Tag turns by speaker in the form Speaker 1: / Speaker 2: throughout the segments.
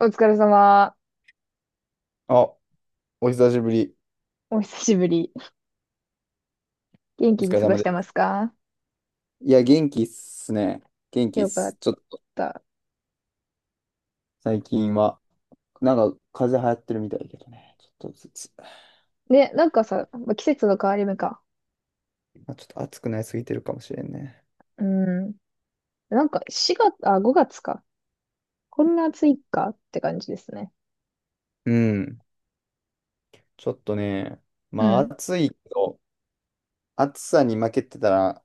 Speaker 1: お疲れ様。
Speaker 2: あ、お久しぶり。
Speaker 1: お久しぶり。元
Speaker 2: お
Speaker 1: 気
Speaker 2: 疲
Speaker 1: に
Speaker 2: れ
Speaker 1: 過ご
Speaker 2: 様
Speaker 1: し
Speaker 2: で
Speaker 1: てま
Speaker 2: す。
Speaker 1: すか？
Speaker 2: いや、元気っすね。元気っ
Speaker 1: よかっ
Speaker 2: す。ちょっと、
Speaker 1: た。
Speaker 2: 最近は、なんか、風邪流行ってるみたいだけどね。ちょっとずつ、
Speaker 1: ね、なんかさ、ま季節の変わり目か。
Speaker 2: まあ、ちょっと暑くなりすぎてるかもしれんね。
Speaker 1: うん。なんか4月、あ、5月か。こんな暑いかって感じですね。
Speaker 2: うん。ちょっとね、
Speaker 1: う
Speaker 2: まあ、
Speaker 1: ん。
Speaker 2: 暑いけど、暑さに負けてたら、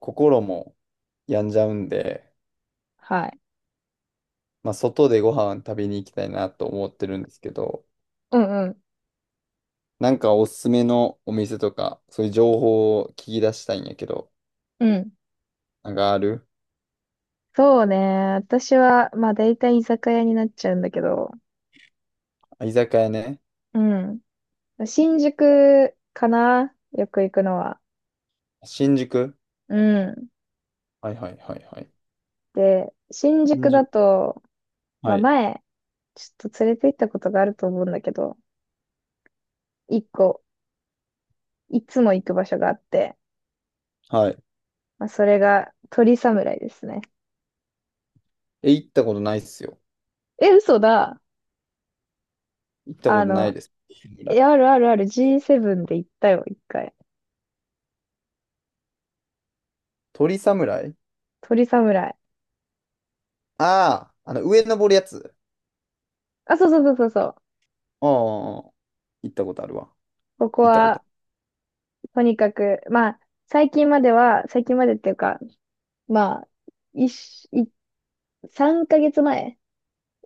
Speaker 2: 心も病んじゃうんで、
Speaker 1: はい。
Speaker 2: まあ、外でご飯食べに行きたいなと思ってるんですけど、
Speaker 1: うんうん。
Speaker 2: なんかおすすめのお店とか、そういう情報を聞き出したいんやけど、
Speaker 1: うん。
Speaker 2: なんかある？
Speaker 1: そうね。私は、まあ大体居酒屋になっちゃうんだけど。
Speaker 2: あ、居酒屋ね。
Speaker 1: うん。新宿かなよく行くのは。
Speaker 2: 新宿？
Speaker 1: うん。
Speaker 2: はいはいはいはい。
Speaker 1: で、新
Speaker 2: 新
Speaker 1: 宿だ
Speaker 2: 宿、
Speaker 1: と、ま
Speaker 2: は
Speaker 1: あ
Speaker 2: い。
Speaker 1: 前、ちょっと連れて行ったことがあると思うんだけど、一個いつも行く場所があって、
Speaker 2: はい。
Speaker 1: まあ、それが鳥侍ですね。
Speaker 2: え、行ったことないっすよ。
Speaker 1: え、嘘だ。
Speaker 2: 行ったこ
Speaker 1: あ
Speaker 2: とない
Speaker 1: の、
Speaker 2: です。侍？
Speaker 1: あるあるある G7 で行ったよ、一回。
Speaker 2: 鳥侍？
Speaker 1: 鳥侍。
Speaker 2: ああー、あの、上登るやつ。
Speaker 1: あ、そうそうそうそうそう。
Speaker 2: ああ、行ったことあるわ。
Speaker 1: ここ
Speaker 2: 行ったこと
Speaker 1: は、
Speaker 2: あ
Speaker 1: とにかく、まあ、最近までは、最近までっていうか、まあ、一し、い、3ヶ月前、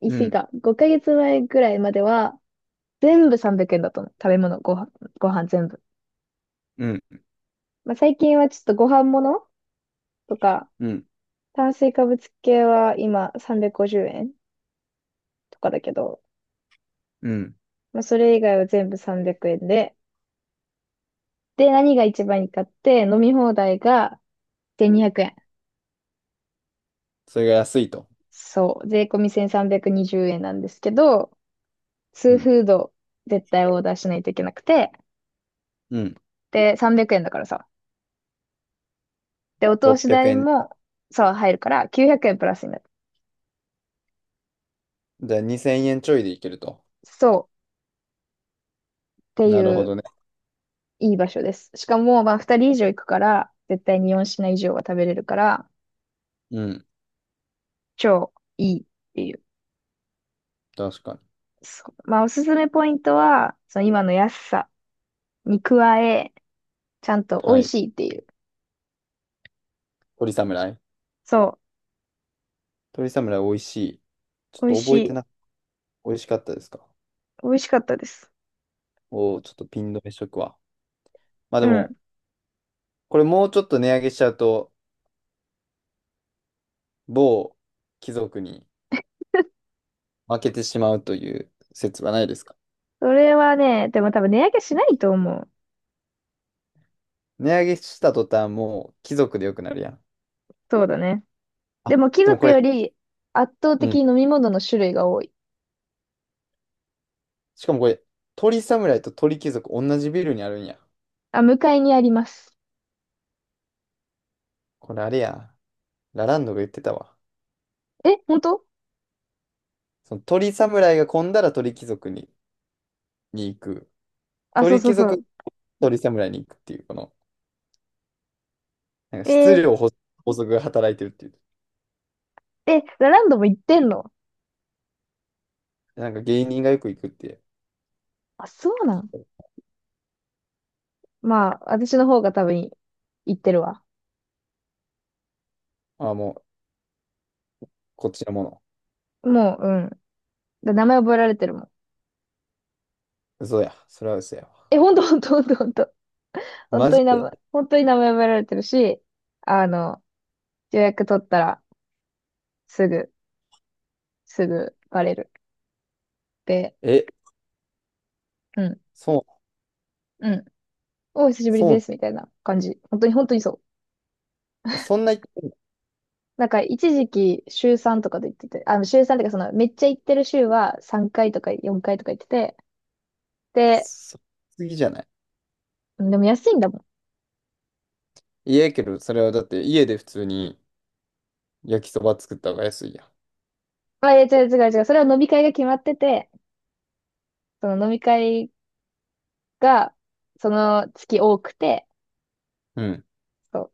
Speaker 1: 言い過ぎ
Speaker 2: る。
Speaker 1: か、5ヶ月前ぐらいまでは、全部300円だったの。食べ物、ご飯、ご飯全部。
Speaker 2: うん、うん、
Speaker 1: まあ、最近はちょっとご飯物とか、
Speaker 2: うん、
Speaker 1: 炭水化物系は今350円とかだけど、
Speaker 2: うん。
Speaker 1: まあ、それ以外は全部300円で、で、何が一番いいかって、飲み放題が1200円。
Speaker 2: それが安いと。
Speaker 1: そう、税込み1320円なんですけど、ツ
Speaker 2: う
Speaker 1: ー
Speaker 2: ん、
Speaker 1: フード絶対オーダーしないといけなくて、
Speaker 2: うん。
Speaker 1: で、300円だからさ。で、お通し
Speaker 2: 600
Speaker 1: 代
Speaker 2: 円。
Speaker 1: もさ、入るから900円プラスになる。
Speaker 2: じゃあ2000円ちょいでいけると。
Speaker 1: そうってい
Speaker 2: なるほ
Speaker 1: う
Speaker 2: どね。
Speaker 1: いい場所です。しかも、まあ2人以上行くから、絶対に4品以上は食べれるから、
Speaker 2: うん、
Speaker 1: 超いいっていう。
Speaker 2: 確かに。
Speaker 1: そう、まあおすすめポイントは、その今の安さに加え、ちゃんと美
Speaker 2: は
Speaker 1: 味
Speaker 2: い。
Speaker 1: しいっていう。
Speaker 2: 鳥侍。
Speaker 1: そ
Speaker 2: 鳥侍美味しい。ちょっ
Speaker 1: う。美味
Speaker 2: と
Speaker 1: し
Speaker 2: 覚え
Speaker 1: い。
Speaker 2: てな、美味しかったですか？
Speaker 1: 美味しかったです。
Speaker 2: おー、ちょっとピン止めしとくわ。まあ
Speaker 1: う
Speaker 2: でも、
Speaker 1: ん。
Speaker 2: これもうちょっと値上げしちゃうと、某貴族に負けてしまうという説はないですか？
Speaker 1: それはね、でも多分値上げしないと思う。
Speaker 2: 値上げした途端、もう貴族でよくなるやん。
Speaker 1: そうだね。で
Speaker 2: あ、
Speaker 1: も貴
Speaker 2: でもこ
Speaker 1: 族
Speaker 2: れ、
Speaker 1: より圧倒
Speaker 2: う
Speaker 1: 的
Speaker 2: ん。
Speaker 1: に飲み物の種類が多い。
Speaker 2: しかもこれ、鳥侍と鳥貴族同じビルにあるんや。
Speaker 1: あ、向かいにあります。
Speaker 2: これあれや。ラランドが言ってたわ。
Speaker 1: え、本当？
Speaker 2: その鳥侍が混んだら鳥貴族に、行く。
Speaker 1: あ、そう
Speaker 2: 鳥
Speaker 1: そう
Speaker 2: 貴
Speaker 1: そう。
Speaker 2: 族、鳥侍に行くっていう、この、なんか
Speaker 1: え
Speaker 2: 質
Speaker 1: ー、
Speaker 2: 量法法則が働いてるっていう。
Speaker 1: ラランドも行ってんの？
Speaker 2: なんか芸人がよく行くっていう。
Speaker 1: あ、そうなん。まあ、私の方が多分行ってるわ。
Speaker 2: ああ、もう、こっちのもの。
Speaker 1: もう、うん。だ名前覚えられてるもん。
Speaker 2: 嘘や。それは嘘や。
Speaker 1: え、ほんとほんとほんとほんと。本
Speaker 2: マ
Speaker 1: 当
Speaker 2: ジ
Speaker 1: に名前、
Speaker 2: で。
Speaker 1: 本当に名前覚えられてるし、あの、予約取ったら、すぐ、すぐバレる。で、
Speaker 2: え、
Speaker 1: うん、
Speaker 2: そう、
Speaker 1: うん。お、久しぶり
Speaker 2: そ
Speaker 1: で
Speaker 2: う、
Speaker 1: す、みたいな感じ。本当に、本当にそう。
Speaker 2: え、そんな言ってんの？
Speaker 1: なんか、一時期、週3とかで言ってて、あの、週3とか、その、めっちゃ行ってる週は3回とか4回とか行ってて、で、
Speaker 2: そ次じゃない？
Speaker 1: でも安いんだもん。
Speaker 2: いやけど、それはだって家で普通に焼きそば作った方が安いや
Speaker 1: あ、いや、違う違う違う。それは飲み会が決まってて、その飲み会が、その月多くて、
Speaker 2: ん。うん。
Speaker 1: そう、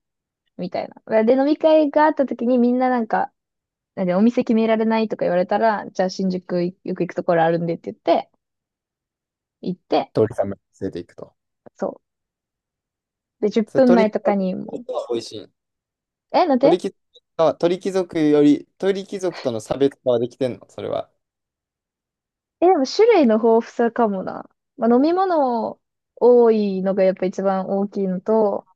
Speaker 1: みたいな。で、飲み会があった時にみんななんか、なんでお店決められないとか言われたら、じゃあ新宿よく行くところあるんでって言って、行って、
Speaker 2: 鶏さんま連れていくと。
Speaker 1: そう。で、10
Speaker 2: それ
Speaker 1: 分
Speaker 2: 鳥
Speaker 1: 前
Speaker 2: 貴
Speaker 1: とかにもう、
Speaker 2: 族は美味しい。
Speaker 1: え、なん
Speaker 2: 鳥
Speaker 1: で？
Speaker 2: 貴族鳥貴族より、鳥貴族との差別化はできてんの、それは？
Speaker 1: え、でも種類の豊富さかもな。まあ、飲み物多いのがやっぱ一番大きいのと、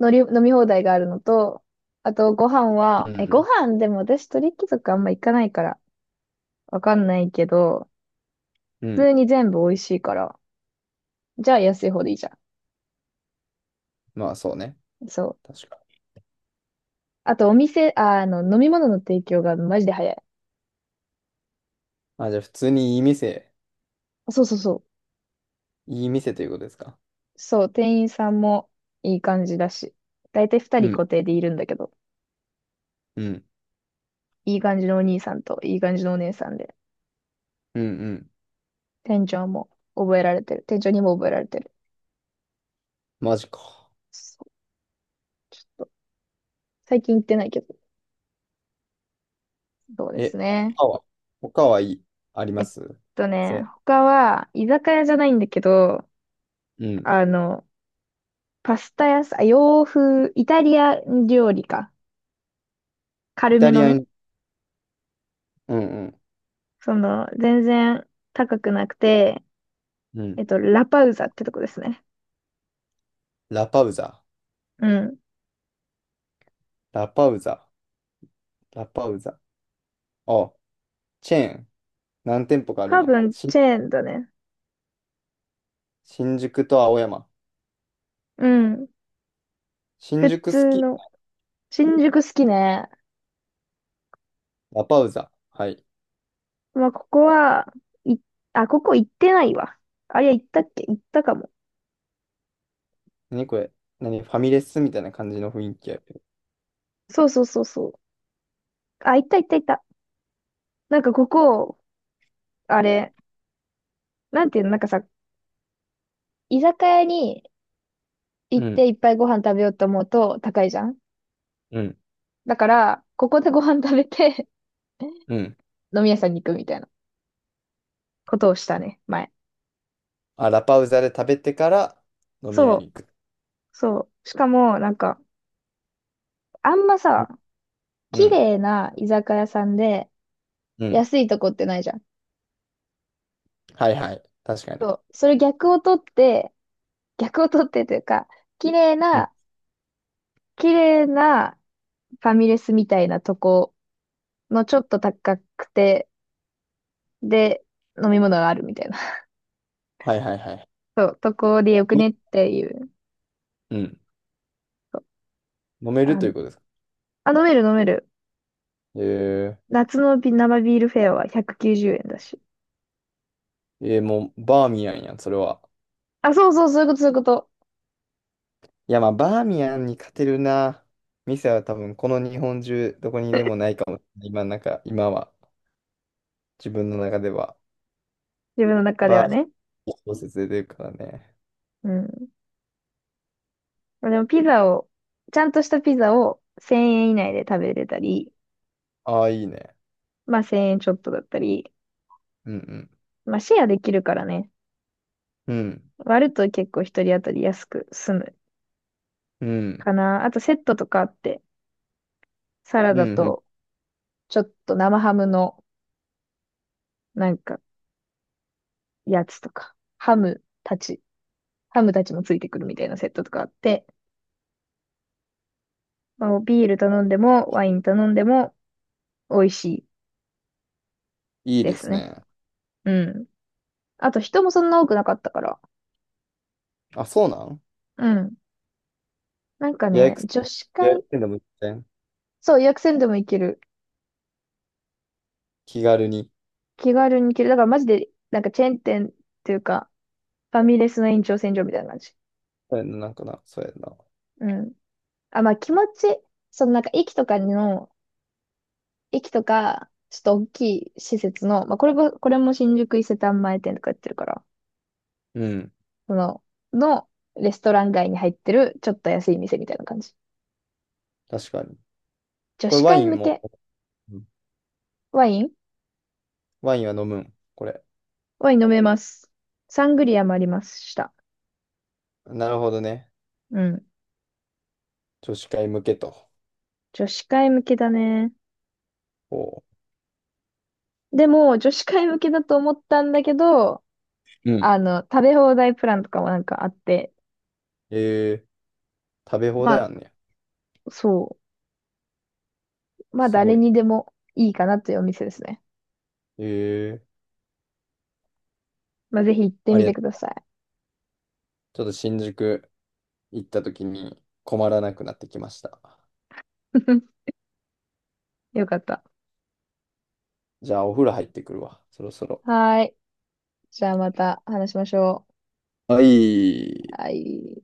Speaker 1: 飲み放題があるのと、あとご飯は、
Speaker 2: う
Speaker 1: ご
Speaker 2: ん。
Speaker 1: 飯でも私鳥貴族あんま行かないから、わかんないけど、
Speaker 2: う
Speaker 1: 普
Speaker 2: ん。
Speaker 1: 通に全部美味しいから、じゃあ安い方でいいじゃ
Speaker 2: まあそうね。
Speaker 1: ん。そう。
Speaker 2: 確か。
Speaker 1: あとお店、あ、あの、飲み物の提供がマジで早い。
Speaker 2: あ、じゃあ普通にいい店、
Speaker 1: そうそうそう。
Speaker 2: いい店ということですか？
Speaker 1: そう、店員さんもいい感じだし。だいたい二
Speaker 2: う
Speaker 1: 人
Speaker 2: ん。
Speaker 1: 固定でいるんだけど。
Speaker 2: うん。
Speaker 1: いい感じのお兄さんといい感じのお姉さんで、
Speaker 2: うんうん。
Speaker 1: 店長も覚えられてる。店長にも覚えられてる。
Speaker 2: マジか。
Speaker 1: そう、ちょっと、最近行ってないけど、そうです
Speaker 2: え、
Speaker 1: ね。
Speaker 2: 他は、他はいい、あり
Speaker 1: え
Speaker 2: ま
Speaker 1: っ
Speaker 2: す？
Speaker 1: ね、他は、居酒屋じゃないんだけど、
Speaker 2: うん。
Speaker 1: あの、パスタ屋さん、あ洋風、イタリア料理か。
Speaker 2: イ
Speaker 1: 軽
Speaker 2: タ
Speaker 1: め
Speaker 2: リ
Speaker 1: の
Speaker 2: ア
Speaker 1: ね。
Speaker 2: に、うんうん。
Speaker 1: その、全然高くなくて、
Speaker 2: うん。
Speaker 1: ラパウザってとこですね。
Speaker 2: ラパウザ。
Speaker 1: うん。
Speaker 2: ラパウザ。ラパウザ。あ、チェーン。何店舗かあるん
Speaker 1: 多
Speaker 2: や。
Speaker 1: 分、チェーンだね。
Speaker 2: 新宿と青山。
Speaker 1: うん。
Speaker 2: 新
Speaker 1: 普
Speaker 2: 宿好
Speaker 1: 通
Speaker 2: き。
Speaker 1: の。新宿好きね。
Speaker 2: ラパウザ。はい。
Speaker 1: まあ、ここは、い、あ、ここ行ってないわ。あ、いや、行ったっけ行ったかも。
Speaker 2: 何これ？何ファミレスみたいな感じの雰囲気やけど。
Speaker 1: そうそうそうそう。あ、行った行った行った。なんかここ、あれ、なんていうの、なんかさ、居酒屋に行
Speaker 2: う
Speaker 1: って
Speaker 2: ん。
Speaker 1: いっぱいご飯食べようと思うと高いじゃん。
Speaker 2: うん。
Speaker 1: だから、ここでご飯食べて
Speaker 2: うん。
Speaker 1: 飲み屋さんに行くみたいなことをしたね、前。
Speaker 2: あ、ラパウザで食べてから飲み屋
Speaker 1: そ
Speaker 2: に
Speaker 1: う、
Speaker 2: 行く。
Speaker 1: そう。しかも、なんか、あんま
Speaker 2: う
Speaker 1: さ、
Speaker 2: ん。う
Speaker 1: 綺
Speaker 2: ん。
Speaker 1: 麗な居酒屋さんで
Speaker 2: うん、
Speaker 1: 安いとこってないじゃん。
Speaker 2: はいはい。確かに。
Speaker 1: そう、それ逆を取って、逆を取ってというか、綺麗
Speaker 2: うん、
Speaker 1: な、綺麗なファミレスみたいなとこのちょっと高くて、で、飲み物があるみたいな。
Speaker 2: はいはいはい。
Speaker 1: そう、とこでよくねっていう。
Speaker 2: うん。
Speaker 1: そう、
Speaker 2: 飲める
Speaker 1: あ
Speaker 2: という
Speaker 1: の、
Speaker 2: ことですか。
Speaker 1: 飲める飲める。
Speaker 2: え
Speaker 1: 夏の生ビールフェアは190円だし。
Speaker 2: もうバーミヤンやん、それは。
Speaker 1: あ、そうそう、そういうこと、そういうこと。
Speaker 2: いや、まあ、バーミヤンに勝てるな。店は多分、この日本中、どこにでもないかもしれない。今、なんか、今は、自分の中では、
Speaker 1: 自分の中で
Speaker 2: バー
Speaker 1: はね。
Speaker 2: ミヤン小説で出るからね。
Speaker 1: うん。でもピザを、ちゃんとしたピザを1000円以内で食べれたり、
Speaker 2: ああ、いいね。
Speaker 1: まあ1000円ちょっとだったり、
Speaker 2: うん、
Speaker 1: まあシェアできるからね。
Speaker 2: うん、うん、
Speaker 1: 割ると結構一人当たり安く済む
Speaker 2: うん、
Speaker 1: かな。あとセットとかあって、サラ
Speaker 2: う
Speaker 1: ダ
Speaker 2: ん、うん。
Speaker 1: とちょっと生ハムのなんかやつとか、ハムたち、ハムたちもついてくるみたいなセットとかあって、まあ、ビール頼んでもワイン頼んでも美味しい
Speaker 2: いい
Speaker 1: で
Speaker 2: で
Speaker 1: す
Speaker 2: す
Speaker 1: ね。
Speaker 2: ね。
Speaker 1: うん。あと人もそんな多くなかったから。
Speaker 2: あ、そうなん？
Speaker 1: うん。なんか
Speaker 2: 予
Speaker 1: ね、
Speaker 2: 約、
Speaker 1: 女子
Speaker 2: 予約
Speaker 1: 会、
Speaker 2: せんでも全然
Speaker 1: そう、予約せんでも行ける。
Speaker 2: 気軽に。
Speaker 1: 気軽に行ける。だからマジで、なんかチェーン店っていうか、ファミレスの延長線上みたいな感じ。
Speaker 2: そうやな、なんかな、そうやな。
Speaker 1: うん。あ、まあ気持ち、そのなんか駅とかの、駅とか、ちょっと大きい施設の、まあこれも、これも新宿伊勢丹前店とかやってるから、
Speaker 2: うん、
Speaker 1: その、のレストラン街に入ってる、ちょっと安い店みたいな感じ。
Speaker 2: 確かに。
Speaker 1: 女
Speaker 2: これ、
Speaker 1: 子
Speaker 2: ワ
Speaker 1: 会
Speaker 2: イン
Speaker 1: 向
Speaker 2: も、
Speaker 1: け
Speaker 2: うん、
Speaker 1: ワイン
Speaker 2: ワインは飲むん、これ？
Speaker 1: ワイン飲めます。サングリアもありました。
Speaker 2: なるほどね。
Speaker 1: うん。
Speaker 2: 女子会向けと。
Speaker 1: 女子会向けだね。
Speaker 2: おう。
Speaker 1: でも、女子会向けだと思ったんだけど、
Speaker 2: うん。
Speaker 1: あの、食べ放題プランとかもなんかあって、
Speaker 2: えー、食べ放
Speaker 1: ま
Speaker 2: 題
Speaker 1: あ、
Speaker 2: あんねや。
Speaker 1: そう。まあ、
Speaker 2: すご
Speaker 1: 誰
Speaker 2: い。
Speaker 1: にでもいいかなというお店ですね。
Speaker 2: ええ、
Speaker 1: まあ、ぜひ行って
Speaker 2: あ
Speaker 1: み
Speaker 2: りが
Speaker 1: て
Speaker 2: と
Speaker 1: くだ
Speaker 2: う。
Speaker 1: さい。
Speaker 2: ちょっと新宿行った時に困らなくなってきました。
Speaker 1: よかった。
Speaker 2: じゃあお風呂入ってくるわ。そろそろ。
Speaker 1: はーい。じゃあまた話しましょ
Speaker 2: はい。
Speaker 1: う。はい。